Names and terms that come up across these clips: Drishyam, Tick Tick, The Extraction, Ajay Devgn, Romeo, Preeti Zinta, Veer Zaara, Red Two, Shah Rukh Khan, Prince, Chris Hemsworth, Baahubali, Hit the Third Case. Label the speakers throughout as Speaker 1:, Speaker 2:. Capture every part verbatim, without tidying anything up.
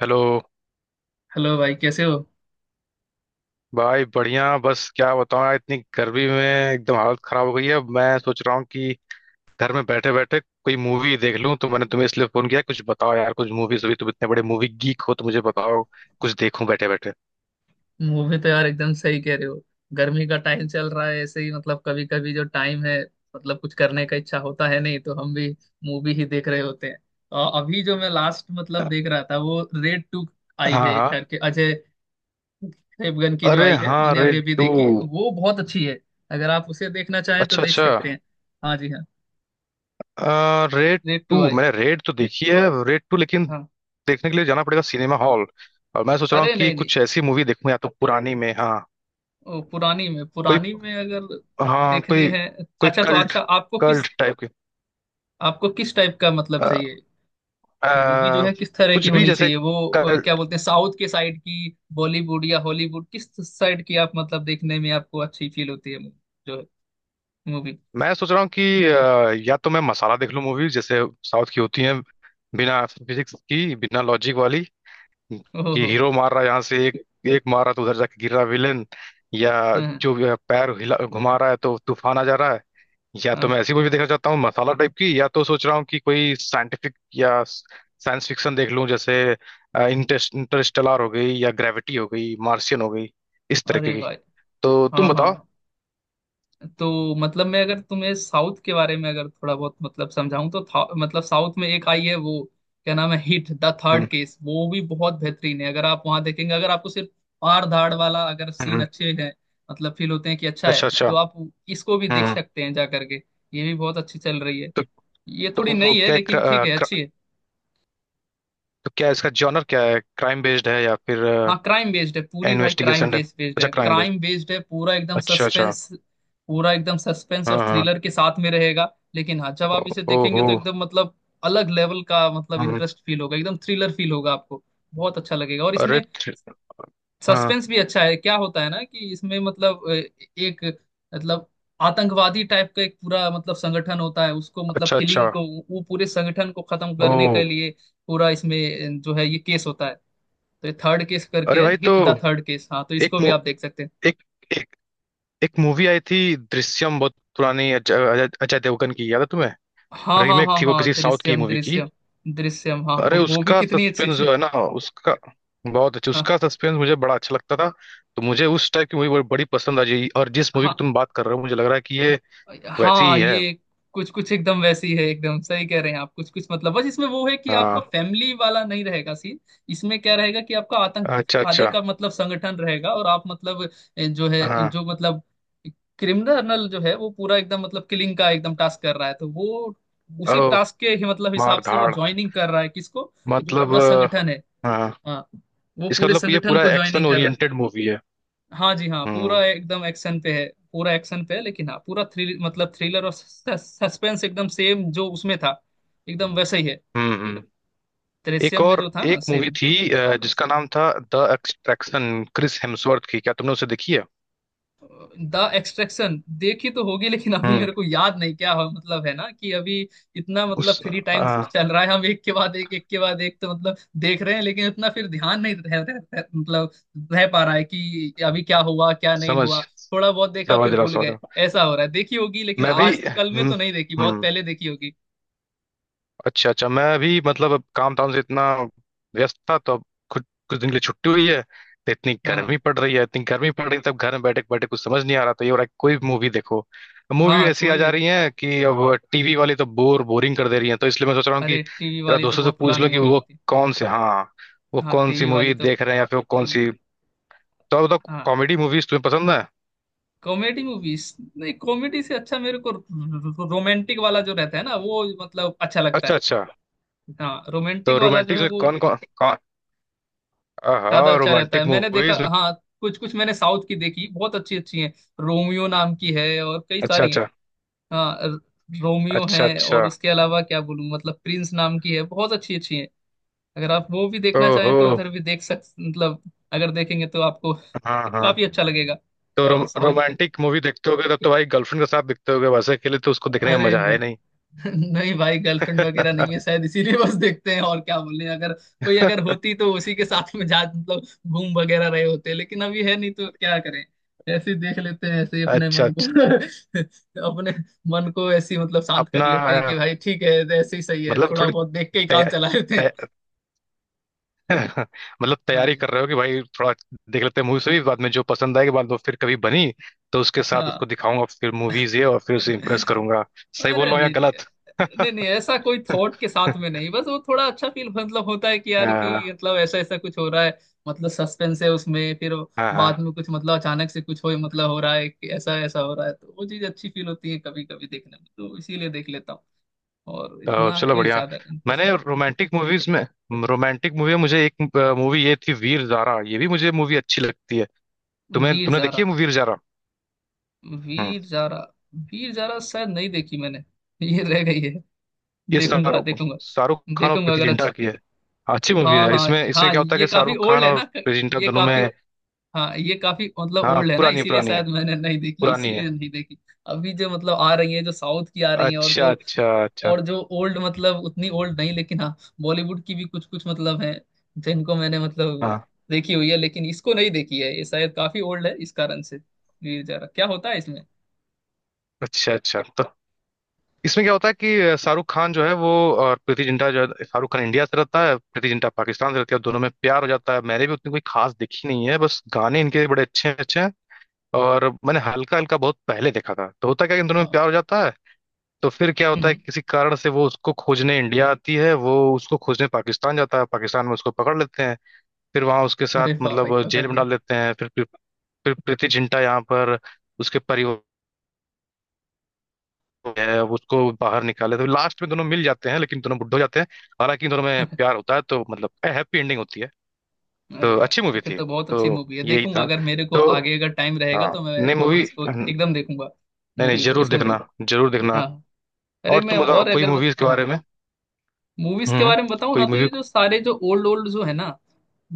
Speaker 1: Hello.
Speaker 2: Hello भाई, कैसे हो?
Speaker 1: भाई बढ़िया। बस क्या बताऊं यार, इतनी गर्मी में एकदम हालत खराब हो गई है। मैं सोच रहा हूँ कि घर में बैठे बैठे कोई मूवी देख लूं, तो मैंने तुम्हें इसलिए फोन किया। कुछ बताओ यार कुछ मूवीज, अभी तुम इतने बड़े मूवी गीक हो तो मुझे बताओ कुछ देखूं बैठे बैठे।
Speaker 2: मूवी तो यार एकदम सही कह रहे हो। गर्मी का टाइम चल रहा है, ऐसे ही मतलब कभी कभी जो टाइम है मतलब कुछ करने का इच्छा होता है, नहीं तो हम भी मूवी ही देख रहे होते हैं। और अभी जो मैं लास्ट मतलब देख रहा था वो रेड टू आई
Speaker 1: हाँ
Speaker 2: है
Speaker 1: हाँ।
Speaker 2: करके, अजय देवगन की जो
Speaker 1: अरे
Speaker 2: आई है,
Speaker 1: हाँ,
Speaker 2: मैंने अभी
Speaker 1: रेड
Speaker 2: अभी
Speaker 1: टू।
Speaker 2: देखी, वो बहुत अच्छी है। अगर आप उसे देखना चाहें तो
Speaker 1: अच्छा
Speaker 2: देख
Speaker 1: अच्छा।
Speaker 2: सकते हैं। हाँ जी हाँ।
Speaker 1: रेड
Speaker 2: रेड टू
Speaker 1: टू
Speaker 2: आई।
Speaker 1: मैंने रेड तो देखी है, रेड टू लेकिन
Speaker 2: हाँ।
Speaker 1: देखने के लिए जाना पड़ेगा सिनेमा हॉल। और मैं सोच रहा हूँ
Speaker 2: अरे
Speaker 1: कि
Speaker 2: नहीं नहीं।
Speaker 1: कुछ ऐसी मूवी देखूं या तो पुरानी में। हाँ
Speaker 2: ओ, पुरानी में
Speaker 1: कोई,
Speaker 2: पुरानी में अगर
Speaker 1: हाँ
Speaker 2: देखनी
Speaker 1: कोई,
Speaker 2: है।
Speaker 1: कोई
Speaker 2: अच्छा तो
Speaker 1: कल्ट,
Speaker 2: अच्छा आपको किस
Speaker 1: कल्ट टाइप के।
Speaker 2: आपको किस टाइप का मतलब
Speaker 1: अ,
Speaker 2: चाहिए, मूवी जो
Speaker 1: अ,
Speaker 2: है किस तरह
Speaker 1: कुछ
Speaker 2: की
Speaker 1: भी
Speaker 2: होनी
Speaker 1: जैसे
Speaker 2: चाहिए वो? अ, क्या
Speaker 1: कल्ट।
Speaker 2: बोलते हैं, साउथ के साइड की, बॉलीवुड या हॉलीवुड, किस साइड की आप मतलब देखने में आपको अच्छी फील होती है मू- जो है मूवी?
Speaker 1: मैं सोच रहा हूँ कि अ, या तो मैं मसाला देख लूँ मूवी जैसे साउथ की होती है, बिना फिजिक्स की बिना लॉजिक वाली।
Speaker 2: ओहो
Speaker 1: कि
Speaker 2: हो।
Speaker 1: हीरो मार रहा है यहाँ से एक, एक मार रहा तो उधर जाके गिर रहा विलेन, या
Speaker 2: हाँ
Speaker 1: जो भी है, पैर हिला घुमा रहा है तो तूफान आ जा रहा है। या
Speaker 2: हाँ
Speaker 1: तो मैं
Speaker 2: हाँ।
Speaker 1: ऐसी मूवी देखना चाहता हूँ मसाला टाइप की, या तो सोच रहा हूँ कि कोई साइंटिफिक या साइंस फिक्शन देख लूँ, जैसे इंटरेस्ट इंटरस्टेलर हो गई, या ग्रेविटी हो गई, मार्शियन हो गई, इस तरीके
Speaker 2: अरे
Speaker 1: की।
Speaker 2: भाई।
Speaker 1: तो तुम
Speaker 2: हाँ हाँ
Speaker 1: बताओ।
Speaker 2: हाँ। तो मतलब मैं अगर तुम्हें साउथ के बारे में अगर थोड़ा बहुत मतलब समझाऊं तो था, मतलब साउथ में एक आई है वो, क्या नाम है, Hit the third
Speaker 1: hmm,
Speaker 2: case, वो भी बहुत बेहतरीन है। अगर आप वहां देखेंगे, अगर आपको सिर्फ मार धाड़ वाला अगर सीन
Speaker 1: हम्म,
Speaker 2: अच्छे हैं मतलब फील होते हैं कि अच्छा है,
Speaker 1: अच्छा अच्छा।
Speaker 2: तो आप इसको भी देख
Speaker 1: हम्म।
Speaker 2: सकते हैं जा करके। ये भी बहुत अच्छी चल रही है।
Speaker 1: तो
Speaker 2: ये थोड़ी
Speaker 1: तो
Speaker 2: नई है
Speaker 1: क्या क्र,
Speaker 2: लेकिन ठीक
Speaker 1: अ,
Speaker 2: है,
Speaker 1: क्र,
Speaker 2: अच्छी है।
Speaker 1: तो क्या इसका जॉनर क्या है, क्राइम बेस्ड है या फिर
Speaker 2: हाँ क्राइम बेस्ड है पूरी भाई, क्राइम
Speaker 1: इन्वेस्टिगेशन है?
Speaker 2: बेस्ड बेस्ड
Speaker 1: अच्छा
Speaker 2: है,
Speaker 1: क्राइम बेस्ड,
Speaker 2: क्राइम बेस्ड है, पूरा एकदम
Speaker 1: अच्छा अच्छा।
Speaker 2: सस्पेंस। पूरा एकदम सस्पेंस
Speaker 1: हाँ
Speaker 2: और
Speaker 1: हाँ।
Speaker 2: थ्रिलर के साथ में रहेगा। लेकिन हाँ, जब आप
Speaker 1: ओ-
Speaker 2: इसे देखेंगे
Speaker 1: ओहो।
Speaker 2: तो एकदम मतलब अलग लेवल का मतलब
Speaker 1: हम्म,
Speaker 2: इंटरेस्ट फील होगा, एकदम थ्रिलर फील होगा आपको, बहुत अच्छा लगेगा। और
Speaker 1: अरे
Speaker 2: इसमें
Speaker 1: थ- हाँ।
Speaker 2: सस्पेंस भी अच्छा है। क्या होता है ना कि इसमें मतलब अ, एक मतलब आतंकवादी टाइप का एक पूरा मतलब संगठन होता है, उसको मतलब
Speaker 1: अच्छा
Speaker 2: किलिंग
Speaker 1: अच्छा।
Speaker 2: को, वो पूरे संगठन को खत्म
Speaker 1: ओ।
Speaker 2: करने के लिए पूरा इसमें जो है ये केस होता है। तो ये थर्ड केस
Speaker 1: अरे
Speaker 2: करके है,
Speaker 1: भाई, तो
Speaker 2: हिट द थर्ड केस। हाँ तो
Speaker 1: एक
Speaker 2: इसको भी
Speaker 1: मु-
Speaker 2: आप देख सकते हैं।
Speaker 1: एक एक एक मूवी आई थी दृश्यम, बहुत पुरानी, अजय अजय अजय देवगन की, याद है तुम्हें?
Speaker 2: हाँ हाँ
Speaker 1: रीमेक
Speaker 2: हाँ
Speaker 1: थी वो
Speaker 2: हाँ,
Speaker 1: किसी साउथ की
Speaker 2: दृश्यम
Speaker 1: मूवी की।
Speaker 2: दृश्यम। दृश्यम, हाँ,
Speaker 1: अरे
Speaker 2: वो भी
Speaker 1: उसका
Speaker 2: कितनी अच्छी
Speaker 1: सस्पेंस जो
Speaker 2: थी।
Speaker 1: है ना, उसका बहुत अच्छा,
Speaker 2: हाँ।
Speaker 1: उसका सस्पेंस मुझे बड़ा अच्छा लगता था। तो मुझे उस टाइप की मूवी बड़ी बड़ी पसंद आ जाएगी। और जिस मूवी की
Speaker 2: हाँ।
Speaker 1: तुम बात कर रहे हो मुझे लग रहा है कि ये वैसी
Speaker 2: हाँ
Speaker 1: ही है।
Speaker 2: ये कुछ कुछ एकदम वैसी है, एकदम सही कह रहे हैं आप। कुछ कुछ मतलब बस इसमें वो है कि आपका
Speaker 1: हाँ,
Speaker 2: फैमिली वाला नहीं रहेगा सीन। इसमें क्या रहेगा कि आपका
Speaker 1: अच्छा
Speaker 2: आतंकवादी
Speaker 1: अच्छा।
Speaker 2: का मतलब संगठन रहेगा और आप मतलब ए, जो है
Speaker 1: हाँ।
Speaker 2: जो मतलब क्रिमिनल जो है वो पूरा एकदम मतलब किलिंग का एकदम टास्क कर रहा है, तो वो उसी
Speaker 1: ओ।
Speaker 2: टास्क के ही मतलब हिसाब
Speaker 1: मार
Speaker 2: से वो
Speaker 1: धाड़।
Speaker 2: ज्वाइनिंग कर रहा है किसको, जो
Speaker 1: मतलब
Speaker 2: पूरा
Speaker 1: अ,
Speaker 2: संगठन है।
Speaker 1: हाँ।
Speaker 2: हाँ, वो
Speaker 1: इसका
Speaker 2: पूरे
Speaker 1: मतलब ये
Speaker 2: संगठन
Speaker 1: पूरा
Speaker 2: को
Speaker 1: एक्शन
Speaker 2: ज्वाइनिंग कर रहा है।
Speaker 1: ओरिएंटेड मूवी है।
Speaker 2: हाँ जी हाँ, पूरा
Speaker 1: हम्म
Speaker 2: एकदम एक्शन पे है। पूरा एक्शन पे है लेकिन हाँ, पूरा थ्रिल मतलब थ्रिलर और सस्पेंस एकदम सेम जो उसमें था एकदम वैसे ही है।
Speaker 1: हम्म हम्म। एक,
Speaker 2: दृश्यम में
Speaker 1: और
Speaker 2: जो था ना
Speaker 1: एक मूवी
Speaker 2: सेम।
Speaker 1: थी अ, जिसका नाम था द एक्सट्रैक्शन, क्रिस हेम्सवर्थ की। क्या तुमने उसे देखी है?
Speaker 2: द एक्सट्रैक्शन देखी तो होगी लेकिन अभी
Speaker 1: हम्म।
Speaker 2: मेरे को याद नहीं, क्या हो मतलब है ना कि अभी इतना
Speaker 1: उस
Speaker 2: मतलब फ्री टाइम
Speaker 1: अ,
Speaker 2: चल रहा है, हम एक के बाद एक, एक के बाद एक, तो मतलब देख रहे हैं, लेकिन इतना फिर ध्यान नहीं रह, रह, रह, मतलब रह पा रहा है कि अभी क्या हुआ क्या नहीं
Speaker 1: समझ,
Speaker 2: हुआ। थोड़ा बहुत देखा
Speaker 1: समझ
Speaker 2: फिर
Speaker 1: रहा,
Speaker 2: भूल
Speaker 1: समझ
Speaker 2: गए,
Speaker 1: रहा।
Speaker 2: ऐसा हो रहा है। देखी होगी लेकिन
Speaker 1: मैं भी,
Speaker 2: आज कल में
Speaker 1: हम्म
Speaker 2: तो नहीं देखी, बहुत
Speaker 1: हम्म,
Speaker 2: पहले देखी होगी।
Speaker 1: अच्छा अच्छा। मैं भी मतलब अब काम धाम से इतना व्यस्त था, तो अब कुछ, कुछ दिन के लिए छुट्टी हुई है। तो इतनी
Speaker 2: हाँ।
Speaker 1: गर्मी पड़ रही है, इतनी गर्मी पड़ रही है, तब घर में बैठे बैठे कुछ समझ नहीं आ रहा था। ये हो रहा है कि कोई भी मूवी देखो, मूवी
Speaker 2: हाँ
Speaker 1: ऐसी आ
Speaker 2: कोई
Speaker 1: जा
Speaker 2: भी दे।
Speaker 1: रही है कि अब टीवी वाली तो बोर बोरिंग कर दे रही है। तो इसलिए मैं सोच रहा हूँ कि
Speaker 2: अरे टीवी
Speaker 1: जरा
Speaker 2: वाली तो
Speaker 1: दोस्तों से
Speaker 2: बहुत
Speaker 1: पूछ
Speaker 2: पुरानी
Speaker 1: लो कि
Speaker 2: मूवी
Speaker 1: वो
Speaker 2: होती है।
Speaker 1: कौन से, हाँ, वो
Speaker 2: हाँ
Speaker 1: कौन सी
Speaker 2: टीवी वाली
Speaker 1: मूवी
Speaker 2: तो,
Speaker 1: देख रहे हैं या फिर वो कौन
Speaker 2: टीवी।
Speaker 1: सी। तो आप बताओ,
Speaker 2: हाँ।
Speaker 1: कॉमेडी मूवीज तुम्हें पसंद है?
Speaker 2: कॉमेडी मूवीज नहीं, कॉमेडी से अच्छा मेरे को रोमांटिक वाला जो रहता है ना वो मतलब अच्छा लगता
Speaker 1: अच्छा
Speaker 2: है।
Speaker 1: अच्छा।
Speaker 2: हाँ
Speaker 1: तो
Speaker 2: रोमांटिक वाला जो
Speaker 1: रोमांटिक
Speaker 2: है
Speaker 1: में
Speaker 2: वो
Speaker 1: कौन कौन कौन,
Speaker 2: ज्यादा
Speaker 1: हाँ
Speaker 2: अच्छा रहता है,
Speaker 1: रोमांटिक
Speaker 2: मैंने देखा।
Speaker 1: मूवीज में।
Speaker 2: हाँ कुछ कुछ मैंने साउथ की देखी, बहुत अच्छी अच्छी हैं। रोमियो नाम की है और कई
Speaker 1: अच्छा
Speaker 2: सारी हैं।
Speaker 1: अच्छा,
Speaker 2: हाँ र- रोमियो
Speaker 1: अच्छा
Speaker 2: है और
Speaker 1: अच्छा,
Speaker 2: उसके अलावा क्या बोलूँ मतलब प्रिंस नाम की है, बहुत अच्छी अच्छी है। अगर आप वो भी देखना
Speaker 1: ओहो,
Speaker 2: चाहें तो उधर भी देख सक मतलब, अगर देखेंगे तो आपको
Speaker 1: हाँ हाँ।
Speaker 2: काफी अच्छा लगेगा।
Speaker 1: तो रोम,
Speaker 2: हाँ साउथ की।
Speaker 1: रोमांटिक मूवी देखते होगे तब तो भाई गर्लफ्रेंड के साथ देखते होगे, वैसे अकेले तो उसको देखने का
Speaker 2: अरे
Speaker 1: मजा आया
Speaker 2: नहीं।
Speaker 1: नहीं।
Speaker 2: नहीं भाई, गर्लफ्रेंड वगैरह नहीं है शायद, इसीलिए बस देखते हैं और क्या बोले। अगर कोई अगर होती तो उसी के साथ में जा मतलब घूम वगैरह रहे होते, लेकिन अभी है नहीं तो क्या करें। ऐसे ही देख लेते हैं, ऐसे ही अपने
Speaker 1: अच्छा अच्छा।
Speaker 2: मन को अपने मन को ऐसे ही मतलब शांत कर
Speaker 1: अपना
Speaker 2: लेते हैं
Speaker 1: अ,
Speaker 2: कि भाई ठीक है, ऐसे ही सही है,
Speaker 1: मतलब
Speaker 2: थोड़ा
Speaker 1: थोड़ी
Speaker 2: बहुत देख के ही
Speaker 1: तै,
Speaker 2: काम चला लेते हैं।
Speaker 1: तै, मतलब
Speaker 2: हाँ
Speaker 1: तैयारी
Speaker 2: जी।
Speaker 1: कर रहे हो कि भाई थोड़ा देख लेते हैं मूवी से भी, बाद में जो पसंद आएगी, बाद में फिर कभी बनी तो उसके साथ उसको
Speaker 2: हाँ।
Speaker 1: दिखाऊंगा फिर मूवीज ये, और फिर उसे इम्प्रेस करूंगा। सही बोल
Speaker 2: अरे
Speaker 1: रहा हूँ या
Speaker 2: नहीं नहीं।
Speaker 1: गलत?
Speaker 2: नहीं नहीं, ऐसा कोई थॉट के साथ में नहीं, बस वो थोड़ा अच्छा फील मतलब होता है कि यार
Speaker 1: हाँ
Speaker 2: कि मतलब ऐसा ऐसा कुछ हो रहा है, मतलब सस्पेंस है उसमें, फिर बाद
Speaker 1: हाँ।
Speaker 2: में कुछ मतलब अचानक से कुछ हो मतलब हो रहा है कि ऐसा ऐसा हो रहा है, तो वो चीज अच्छी फील होती है कभी कभी देखने में, तो इसीलिए देख लेता हूँ। और
Speaker 1: तो
Speaker 2: इतना
Speaker 1: चलो
Speaker 2: कोई
Speaker 1: बढ़िया।
Speaker 2: ज्यादा
Speaker 1: मैंने
Speaker 2: इंटरेस्ट नहीं।
Speaker 1: रोमांटिक मूवीज में, रोमांटिक मूवी में मुझे एक मूवी ये थी वीर जारा, ये भी मुझे मूवी अच्छी लगती है। तुमने
Speaker 2: वीर
Speaker 1: तुमने देखी है
Speaker 2: जारा।
Speaker 1: मूवी वीर? हम्म।
Speaker 2: वीर जारा। वीर जारा शायद नहीं देखी मैंने। ये रह गई है।
Speaker 1: ये
Speaker 2: देखूंगा
Speaker 1: शाहरुख
Speaker 2: देखूंगा।
Speaker 1: शाहरुख खान और
Speaker 2: देखूंगा
Speaker 1: प्रीति
Speaker 2: अगर
Speaker 1: जिंटा
Speaker 2: अच्छी।
Speaker 1: की है। अच्छी मूवी
Speaker 2: हाँ
Speaker 1: है।
Speaker 2: हाँ।
Speaker 1: इसमें इसमें
Speaker 2: हाँ
Speaker 1: क्या होता है
Speaker 2: ये
Speaker 1: कि
Speaker 2: काफी
Speaker 1: शाहरुख
Speaker 2: ओल्ड
Speaker 1: खान
Speaker 2: है
Speaker 1: और
Speaker 2: ना?
Speaker 1: प्रीति जिंटा
Speaker 2: ये
Speaker 1: दोनों
Speaker 2: काफी,
Speaker 1: में,
Speaker 2: हाँ ये काफी मतलब
Speaker 1: हाँ
Speaker 2: ओल्ड है ना
Speaker 1: पुरानी
Speaker 2: इसीलिए
Speaker 1: पुरानी है,
Speaker 2: शायद मैंने नहीं देखी,
Speaker 1: पुरानी है।
Speaker 2: इसीलिए नहीं देखी। अभी जो मतलब आ रही है, जो साउथ की आ रही है, और
Speaker 1: अच्छा
Speaker 2: जो
Speaker 1: अच्छा अच्छा।
Speaker 2: और जो ओल्ड मतलब, उतनी ओल्ड नहीं, लेकिन हाँ बॉलीवुड की भी कुछ कुछ मतलब है जिनको मैंने मतलब
Speaker 1: हाँ,
Speaker 2: देखी हुई है, लेकिन इसको नहीं देखी है। ये शायद काफी ओल्ड है इस कारण से। ये जा रहा क्या होता है इसमें?
Speaker 1: अच्छा अच्छा। तो इसमें क्या होता है कि शाहरुख खान जो है वो, और प्रीति जिंटा जो है, शाहरुख खान इंडिया से रहता है, प्रीति जिंटा पाकिस्तान से रहती है, और दोनों में प्यार हो जाता है। मैंने भी उतनी कोई खास देखी नहीं है, बस गाने इनके बड़े अच्छे अच्छे हैं। और मैंने हल्का हल्का बहुत पहले देखा था, तो होता क्या है कि इन दोनों में
Speaker 2: हाँ।
Speaker 1: प्यार हो जाता है। तो फिर क्या
Speaker 2: हम्म
Speaker 1: होता
Speaker 2: हम्म।
Speaker 1: है कि किसी कारण से वो उसको खोजने इंडिया आती है, वो उसको खोजने पाकिस्तान जाता है, पाकिस्तान में उसको पकड़ लेते हैं। फिर वहां उसके साथ
Speaker 2: अरे वाह भाई,
Speaker 1: मतलब
Speaker 2: पकड़
Speaker 1: जेल में
Speaker 2: लिया।
Speaker 1: डाल देते हैं। फिर फिर, फिर प्रीति जिंटा यहाँ पर उसके परिवार है, वो उसको बाहर निकाले, तो लास्ट में दोनों मिल जाते हैं लेकिन दोनों बुड्ढे हो जाते हैं। हालांकि इन दोनों में प्यार होता है, तो मतलब हैप्पी एंडिंग होती है। तो
Speaker 2: अरे यार,
Speaker 1: अच्छी
Speaker 2: तो
Speaker 1: मूवी
Speaker 2: फिर
Speaker 1: थी,
Speaker 2: तो बहुत
Speaker 1: तो
Speaker 2: अच्छी मूवी है,
Speaker 1: यही
Speaker 2: देखूंगा
Speaker 1: था।
Speaker 2: अगर मेरे को
Speaker 1: तो
Speaker 2: आगे अगर टाइम रहेगा
Speaker 1: हाँ,
Speaker 2: तो मैं
Speaker 1: नई मूवी
Speaker 2: इसको
Speaker 1: नहीं,
Speaker 2: एकदम देखूंगा
Speaker 1: नहीं,
Speaker 2: मूवी को,
Speaker 1: जरूर
Speaker 2: इस मूवी
Speaker 1: देखना,
Speaker 2: को।
Speaker 1: जरूर देखना।
Speaker 2: हाँ। अरे
Speaker 1: और
Speaker 2: मैं
Speaker 1: तुम बताओ
Speaker 2: और
Speaker 1: कोई
Speaker 2: अगर बत-
Speaker 1: मूवीज के
Speaker 2: हाँ,
Speaker 1: बारे में।
Speaker 2: मूवीज के
Speaker 1: हम्म।
Speaker 2: बारे में बताऊं ना
Speaker 1: कोई
Speaker 2: तो ये
Speaker 1: मूवी।
Speaker 2: जो सारे जो ओल्ड ओल्ड जो है ना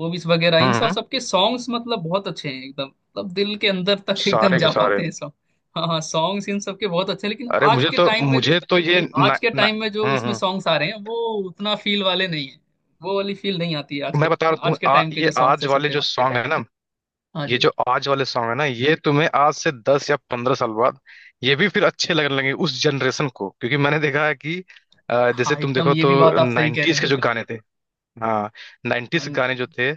Speaker 2: मूवीज वगैरह इन सब
Speaker 1: हम्म,
Speaker 2: सबके सॉन्ग्स मतलब बहुत अच्छे हैं, एकदम मतलब दिल के अंदर तक एकदम
Speaker 1: सारे के
Speaker 2: जा
Speaker 1: सारे।
Speaker 2: पाते हैं सॉन्ग। हाँ हाँ सॉन्ग्स इन सबके बहुत अच्छे हैं लेकिन
Speaker 1: अरे
Speaker 2: आज
Speaker 1: मुझे
Speaker 2: के
Speaker 1: तो
Speaker 2: टाइम में,
Speaker 1: मुझे तो ये ना,
Speaker 2: आज के
Speaker 1: ना,
Speaker 2: टाइम में जो
Speaker 1: हम्म
Speaker 2: उसमें
Speaker 1: हम्म।
Speaker 2: सॉन्ग्स आ रहे हैं वो उतना फील वाले नहीं है, वो वाली फील नहीं आती है आज
Speaker 1: मैं
Speaker 2: के,
Speaker 1: बता रहा हूँ
Speaker 2: आज
Speaker 1: तुम्हें।
Speaker 2: के
Speaker 1: आ,
Speaker 2: टाइम के
Speaker 1: ये
Speaker 2: जो सॉन्ग्स
Speaker 1: आज
Speaker 2: है सुन
Speaker 1: वाले
Speaker 2: रहे
Speaker 1: जो सॉन्ग है ना
Speaker 2: हो। हाँ
Speaker 1: ये
Speaker 2: जी
Speaker 1: जो आज वाले सॉन्ग है ना, ये तुम्हें आज से दस या पंद्रह साल बाद ये भी फिर अच्छे लगने लगेंगे उस जनरेशन को, क्योंकि मैंने देखा है कि अ, जैसे
Speaker 2: हाँ,
Speaker 1: तुम
Speaker 2: एकदम
Speaker 1: देखो
Speaker 2: ये भी बात
Speaker 1: तो
Speaker 2: आप सही कह रहे
Speaker 1: नाइन्टीज के
Speaker 2: हैं।
Speaker 1: जो गाने थे, हाँ, नाइन्टीज
Speaker 2: हाँ,
Speaker 1: गाने जो थे,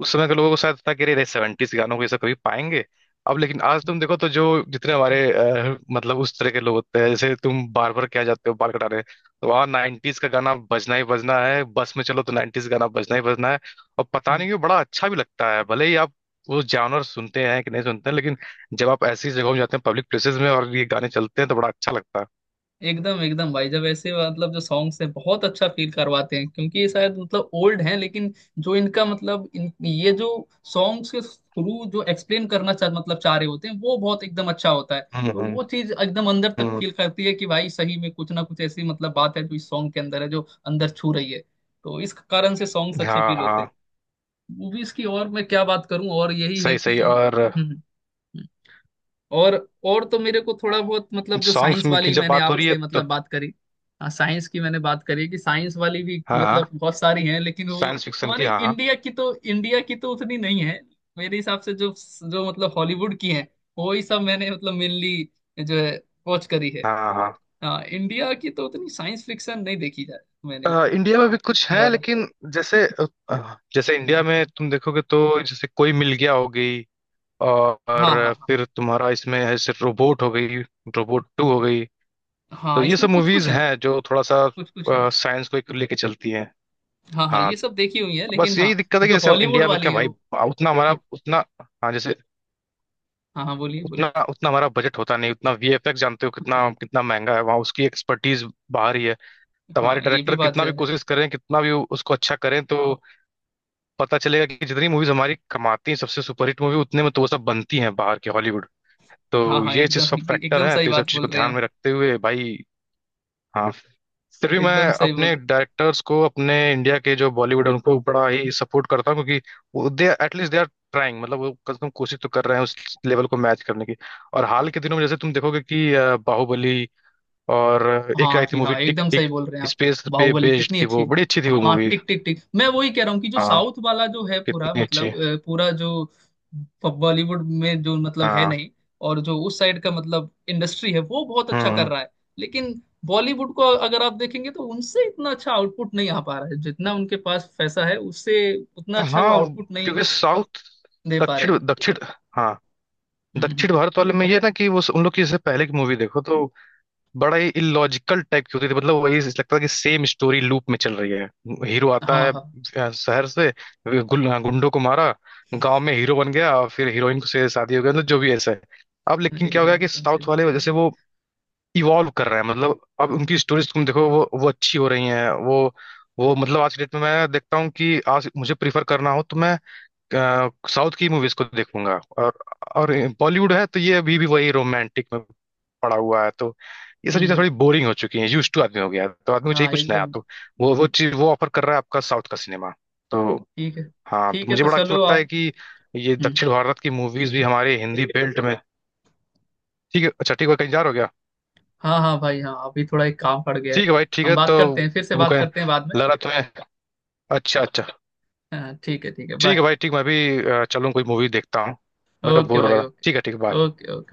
Speaker 1: उस समय के लोगों को शायद था कि अरे सेवेंटीज गानों को ये सब कभी पाएंगे। अब लेकिन आज तुम देखो तो जो जितने हमारे, अ, मतलब उस तरह के लोग होते हैं, जैसे तुम बार बार क्या जाते हो बाल कटाने, तो वहाँ नाइन्टीज का गाना बजना ही बजना है। बस में चलो तो नाइन्टीज गाना बजना ही बजना है। और पता
Speaker 2: हाँ।
Speaker 1: नहीं क्यों बड़ा अच्छा भी लगता है। भले ही आप वो जानवर सुनते हैं कि नहीं सुनते हैं, लेकिन जब आप ऐसी जगहों में जाते हैं, पब्लिक प्लेसेस में, और ये गाने चलते हैं, तो बड़ा अच्छा लगता है।
Speaker 2: एकदम एकदम भाई, जब ऐसे मतलब जो सॉन्ग्स हैं, बहुत अच्छा फील करवाते हैं, क्योंकि ये शायद मतलब ओल्ड हैं लेकिन जो इनका मतलब इन ये जो सॉन्ग्स के थ्रू जो एक्सप्लेन करना चाह मतलब चाह रहे होते हैं वो बहुत एकदम अच्छा होता है,
Speaker 1: हम्म
Speaker 2: तो
Speaker 1: हम्म
Speaker 2: वो चीज एकदम अंदर तक
Speaker 1: हम्म।
Speaker 2: फील करती है कि भाई सही में कुछ ना कुछ ऐसी मतलब बात है जो इस सॉन्ग के अंदर है जो अंदर छू रही है, तो इस कारण से सॉन्ग्स अच्छे
Speaker 1: हाँ
Speaker 2: फील होते हैं।
Speaker 1: हाँ,
Speaker 2: मूवीज की और मैं क्या बात करूं और यही है
Speaker 1: सही सही।
Speaker 2: कि।
Speaker 1: और
Speaker 2: हम्म हम्म। और और तो मेरे को थोड़ा बहुत मतलब जो
Speaker 1: सॉन्ग्स
Speaker 2: साइंस
Speaker 1: में की
Speaker 2: वाली
Speaker 1: जब
Speaker 2: मैंने
Speaker 1: बात हो रही है
Speaker 2: आपसे
Speaker 1: तो।
Speaker 2: मतलब बात करी। हाँ साइंस की मैंने बात करी कि साइंस वाली भी
Speaker 1: हाँ हाँ,
Speaker 2: मतलब बहुत सारी हैं, लेकिन वो
Speaker 1: साइंस फिक्शन की,
Speaker 2: हमारे
Speaker 1: हाँ हाँ।
Speaker 2: इंडिया की तो, इंडिया की तो उतनी नहीं है मेरे हिसाब से, जो जो मतलब हॉलीवुड की हैं वही सब मैंने मतलब मेनली जो है वॉच करी है।
Speaker 1: हाँ हाँ।
Speaker 2: हाँ इंडिया की तो उतनी साइंस फिक्शन नहीं देखी जाए मैंने,
Speaker 1: अ,
Speaker 2: उतनी
Speaker 1: इंडिया में भी कुछ है
Speaker 2: ज्यादा।
Speaker 1: लेकिन जैसे, अ, जैसे इंडिया में तुम देखोगे तो जैसे कोई मिल गया हो गई, और
Speaker 2: हाँ हाँ हाँ।
Speaker 1: फिर तुम्हारा इसमें है सिर्फ रोबोट हो गई, रोबोट टू हो गई। तो
Speaker 2: हाँ
Speaker 1: ये
Speaker 2: इसमें
Speaker 1: सब
Speaker 2: कुछ
Speaker 1: मूवीज
Speaker 2: कुछ है।
Speaker 1: हैं जो थोड़ा सा
Speaker 2: कुछ कुछ है।
Speaker 1: साइंस को एक लेके चलती हैं।
Speaker 2: हाँ हाँ
Speaker 1: हाँ।
Speaker 2: ये सब देखी हुई है
Speaker 1: बस
Speaker 2: लेकिन
Speaker 1: यही
Speaker 2: हाँ
Speaker 1: दिक्कत है कि
Speaker 2: जो
Speaker 1: जैसे अब
Speaker 2: हॉलीवुड
Speaker 1: इंडिया में
Speaker 2: वाली
Speaker 1: क्या
Speaker 2: है
Speaker 1: भाई
Speaker 2: वो।
Speaker 1: उतना हमारा
Speaker 2: हाँ।
Speaker 1: उतना, हाँ जैसे
Speaker 2: हाँ हाँ बोलिए
Speaker 1: उतना
Speaker 2: बोलिए।
Speaker 1: उतना हमारा बजट होता नहीं, उतना वीएफएक्स जानते हो कितना कितना महंगा है, वहाँ उसकी एक्सपर्टीज बाहर ही है। तो हमारे
Speaker 2: हाँ ये भी
Speaker 1: डायरेक्टर
Speaker 2: बात
Speaker 1: कितना
Speaker 2: जो
Speaker 1: भी
Speaker 2: है।
Speaker 1: कोशिश करें, कितना भी उसको अच्छा करें, तो पता चलेगा कि जितनी मूवीज हमारी कमाती हैं सबसे सुपरहिट मूवी, उतने में तो वो सब बनती हैं बाहर के हॉलीवुड। तो
Speaker 2: हाँ हाँ
Speaker 1: ये चीज
Speaker 2: एकदम,
Speaker 1: सब फैक्टर
Speaker 2: एकदम
Speaker 1: है,
Speaker 2: सही
Speaker 1: तो ये सब
Speaker 2: बात
Speaker 1: चीज को
Speaker 2: बोल रहे हैं
Speaker 1: ध्यान
Speaker 2: आप,
Speaker 1: में रखते हुए भाई, हाँ, फिर भी मैं
Speaker 2: एकदम सही बोल
Speaker 1: अपने
Speaker 2: रहे
Speaker 1: डायरेक्टर्स को, अपने इंडिया के जो बॉलीवुड है उनको बड़ा ही सपोर्ट करता हूँ, क्योंकि they at least they are trying, मतलब वो कम से कम कोशिश तो कर रहे हैं उस लेवल को मैच करने की। और
Speaker 2: हैं।
Speaker 1: हाल के दिनों में जैसे तुम देखोगे कि अ, बाहुबली, और
Speaker 2: हाँ
Speaker 1: एक
Speaker 2: हाँ
Speaker 1: आई थी
Speaker 2: जी
Speaker 1: मूवी
Speaker 2: हाँ,
Speaker 1: टिक
Speaker 2: एकदम सही
Speaker 1: टिक,
Speaker 2: बोल रहे हैं आप।
Speaker 1: स्पेस पे
Speaker 2: बाहुबली
Speaker 1: बेस्ड
Speaker 2: कितनी
Speaker 1: थी,
Speaker 2: अच्छी
Speaker 1: वो
Speaker 2: है।
Speaker 1: बड़ी अच्छी थी वो
Speaker 2: हाँ
Speaker 1: मूवी।
Speaker 2: टिक टिक टिक, मैं वही कह रहा हूँ कि जो
Speaker 1: हाँ
Speaker 2: साउथ वाला जो है पूरा
Speaker 1: कितनी अच्छी।
Speaker 2: मतलब अ, पूरा जो बॉलीवुड में जो मतलब है
Speaker 1: हाँ।
Speaker 2: नहीं, और जो उस साइड का मतलब इंडस्ट्री है वो बहुत अच्छा कर
Speaker 1: हम्म।
Speaker 2: रहा है, लेकिन बॉलीवुड को अगर आप देखेंगे तो उनसे इतना अच्छा आउटपुट नहीं आ पा रहा है, जितना उनके पास पैसा है उससे उतना अच्छा वो
Speaker 1: हाँ
Speaker 2: आउटपुट नहीं
Speaker 1: क्योंकि साउथ,
Speaker 2: दे पा रहे
Speaker 1: दक्षिण
Speaker 2: हैं।
Speaker 1: दक्षिण, हाँ
Speaker 2: हम्म
Speaker 1: दक्षिण
Speaker 2: हम्म।
Speaker 1: भारत वाले में ये ना कि वो उन लोग की जैसे पहले की मूवी देखो तो बड़ा ही इलॉजिकल टाइप की होती थी, मतलब वही लगता था कि सेम स्टोरी लूप में चल रही है। हीरो आता
Speaker 2: हाँ
Speaker 1: है
Speaker 2: हाँ
Speaker 1: अ, शहर से, गुल- हाँ, गुंडों को मारा, गांव में हीरो बन गया और फिर हीरोइन को से शादी हो गया, मतलब जो भी ऐसा है। अब लेकिन क्या हो
Speaker 2: एकदम
Speaker 1: गया कि
Speaker 2: एकदम सही
Speaker 1: साउथ
Speaker 2: बोल
Speaker 1: वाले वजह
Speaker 2: रहे हैं
Speaker 1: से
Speaker 2: आप।
Speaker 1: वो इवॉल्व कर रहे हैं, मतलब अब उनकी स्टोरीज तुम देखो वो वो अच्छी हो रही हैं। वो वो मतलब आज की डेट में मैं देखता हूँ कि आज मुझे प्रीफर करना हो तो मैं साउथ की मूवीज को देखूंगा। और और बॉलीवुड है तो ये अभी भी वही रोमांटिक में पड़ा हुआ है, तो ये सब चीजें
Speaker 2: हम्म।
Speaker 1: थोड़ी बोरिंग हो चुकी हैं, यूज टू आदमी हो गया है। तो आदमी को चाहिए
Speaker 2: हाँ
Speaker 1: कुछ नया,
Speaker 2: एकदम।
Speaker 1: तो वो वो चीज वो ऑफर कर रहा है आपका साउथ का सिनेमा। तो
Speaker 2: ठीक है
Speaker 1: हाँ, तो
Speaker 2: ठीक है
Speaker 1: मुझे
Speaker 2: तो
Speaker 1: बड़ा अच्छा
Speaker 2: चलो
Speaker 1: लगता है
Speaker 2: आप।
Speaker 1: कि ये
Speaker 2: हम्म।
Speaker 1: दक्षिण भारत की मूवीज भी हमारे हिंदी बेल्ट में। ठीक है, अच्छा ठीक है, कहीं जा रहे हो गया?
Speaker 2: हाँ हाँ भाई हाँ, अभी थोड़ा एक काम पड़ गया है।
Speaker 1: ठीक है भाई, ठीक
Speaker 2: हम
Speaker 1: है
Speaker 2: बात
Speaker 1: तो
Speaker 2: करते हैं, फिर से
Speaker 1: तुम
Speaker 2: बात
Speaker 1: कहें,
Speaker 2: करते हैं बाद में।
Speaker 1: लग रहा है तुम्हें। अच्छा अच्छा।
Speaker 2: हाँ ठीक है ठीक है,
Speaker 1: ठीक
Speaker 2: बाय।
Speaker 1: है भाई, ठीक, मैं भी अ, चलूं, कोई मूवी देखता हूँ। मैं तो
Speaker 2: ओके
Speaker 1: बोर हो
Speaker 2: भाई
Speaker 1: रहा था,
Speaker 2: ओके।
Speaker 1: ठीक है, ठीक है, bye।
Speaker 2: Okay okay.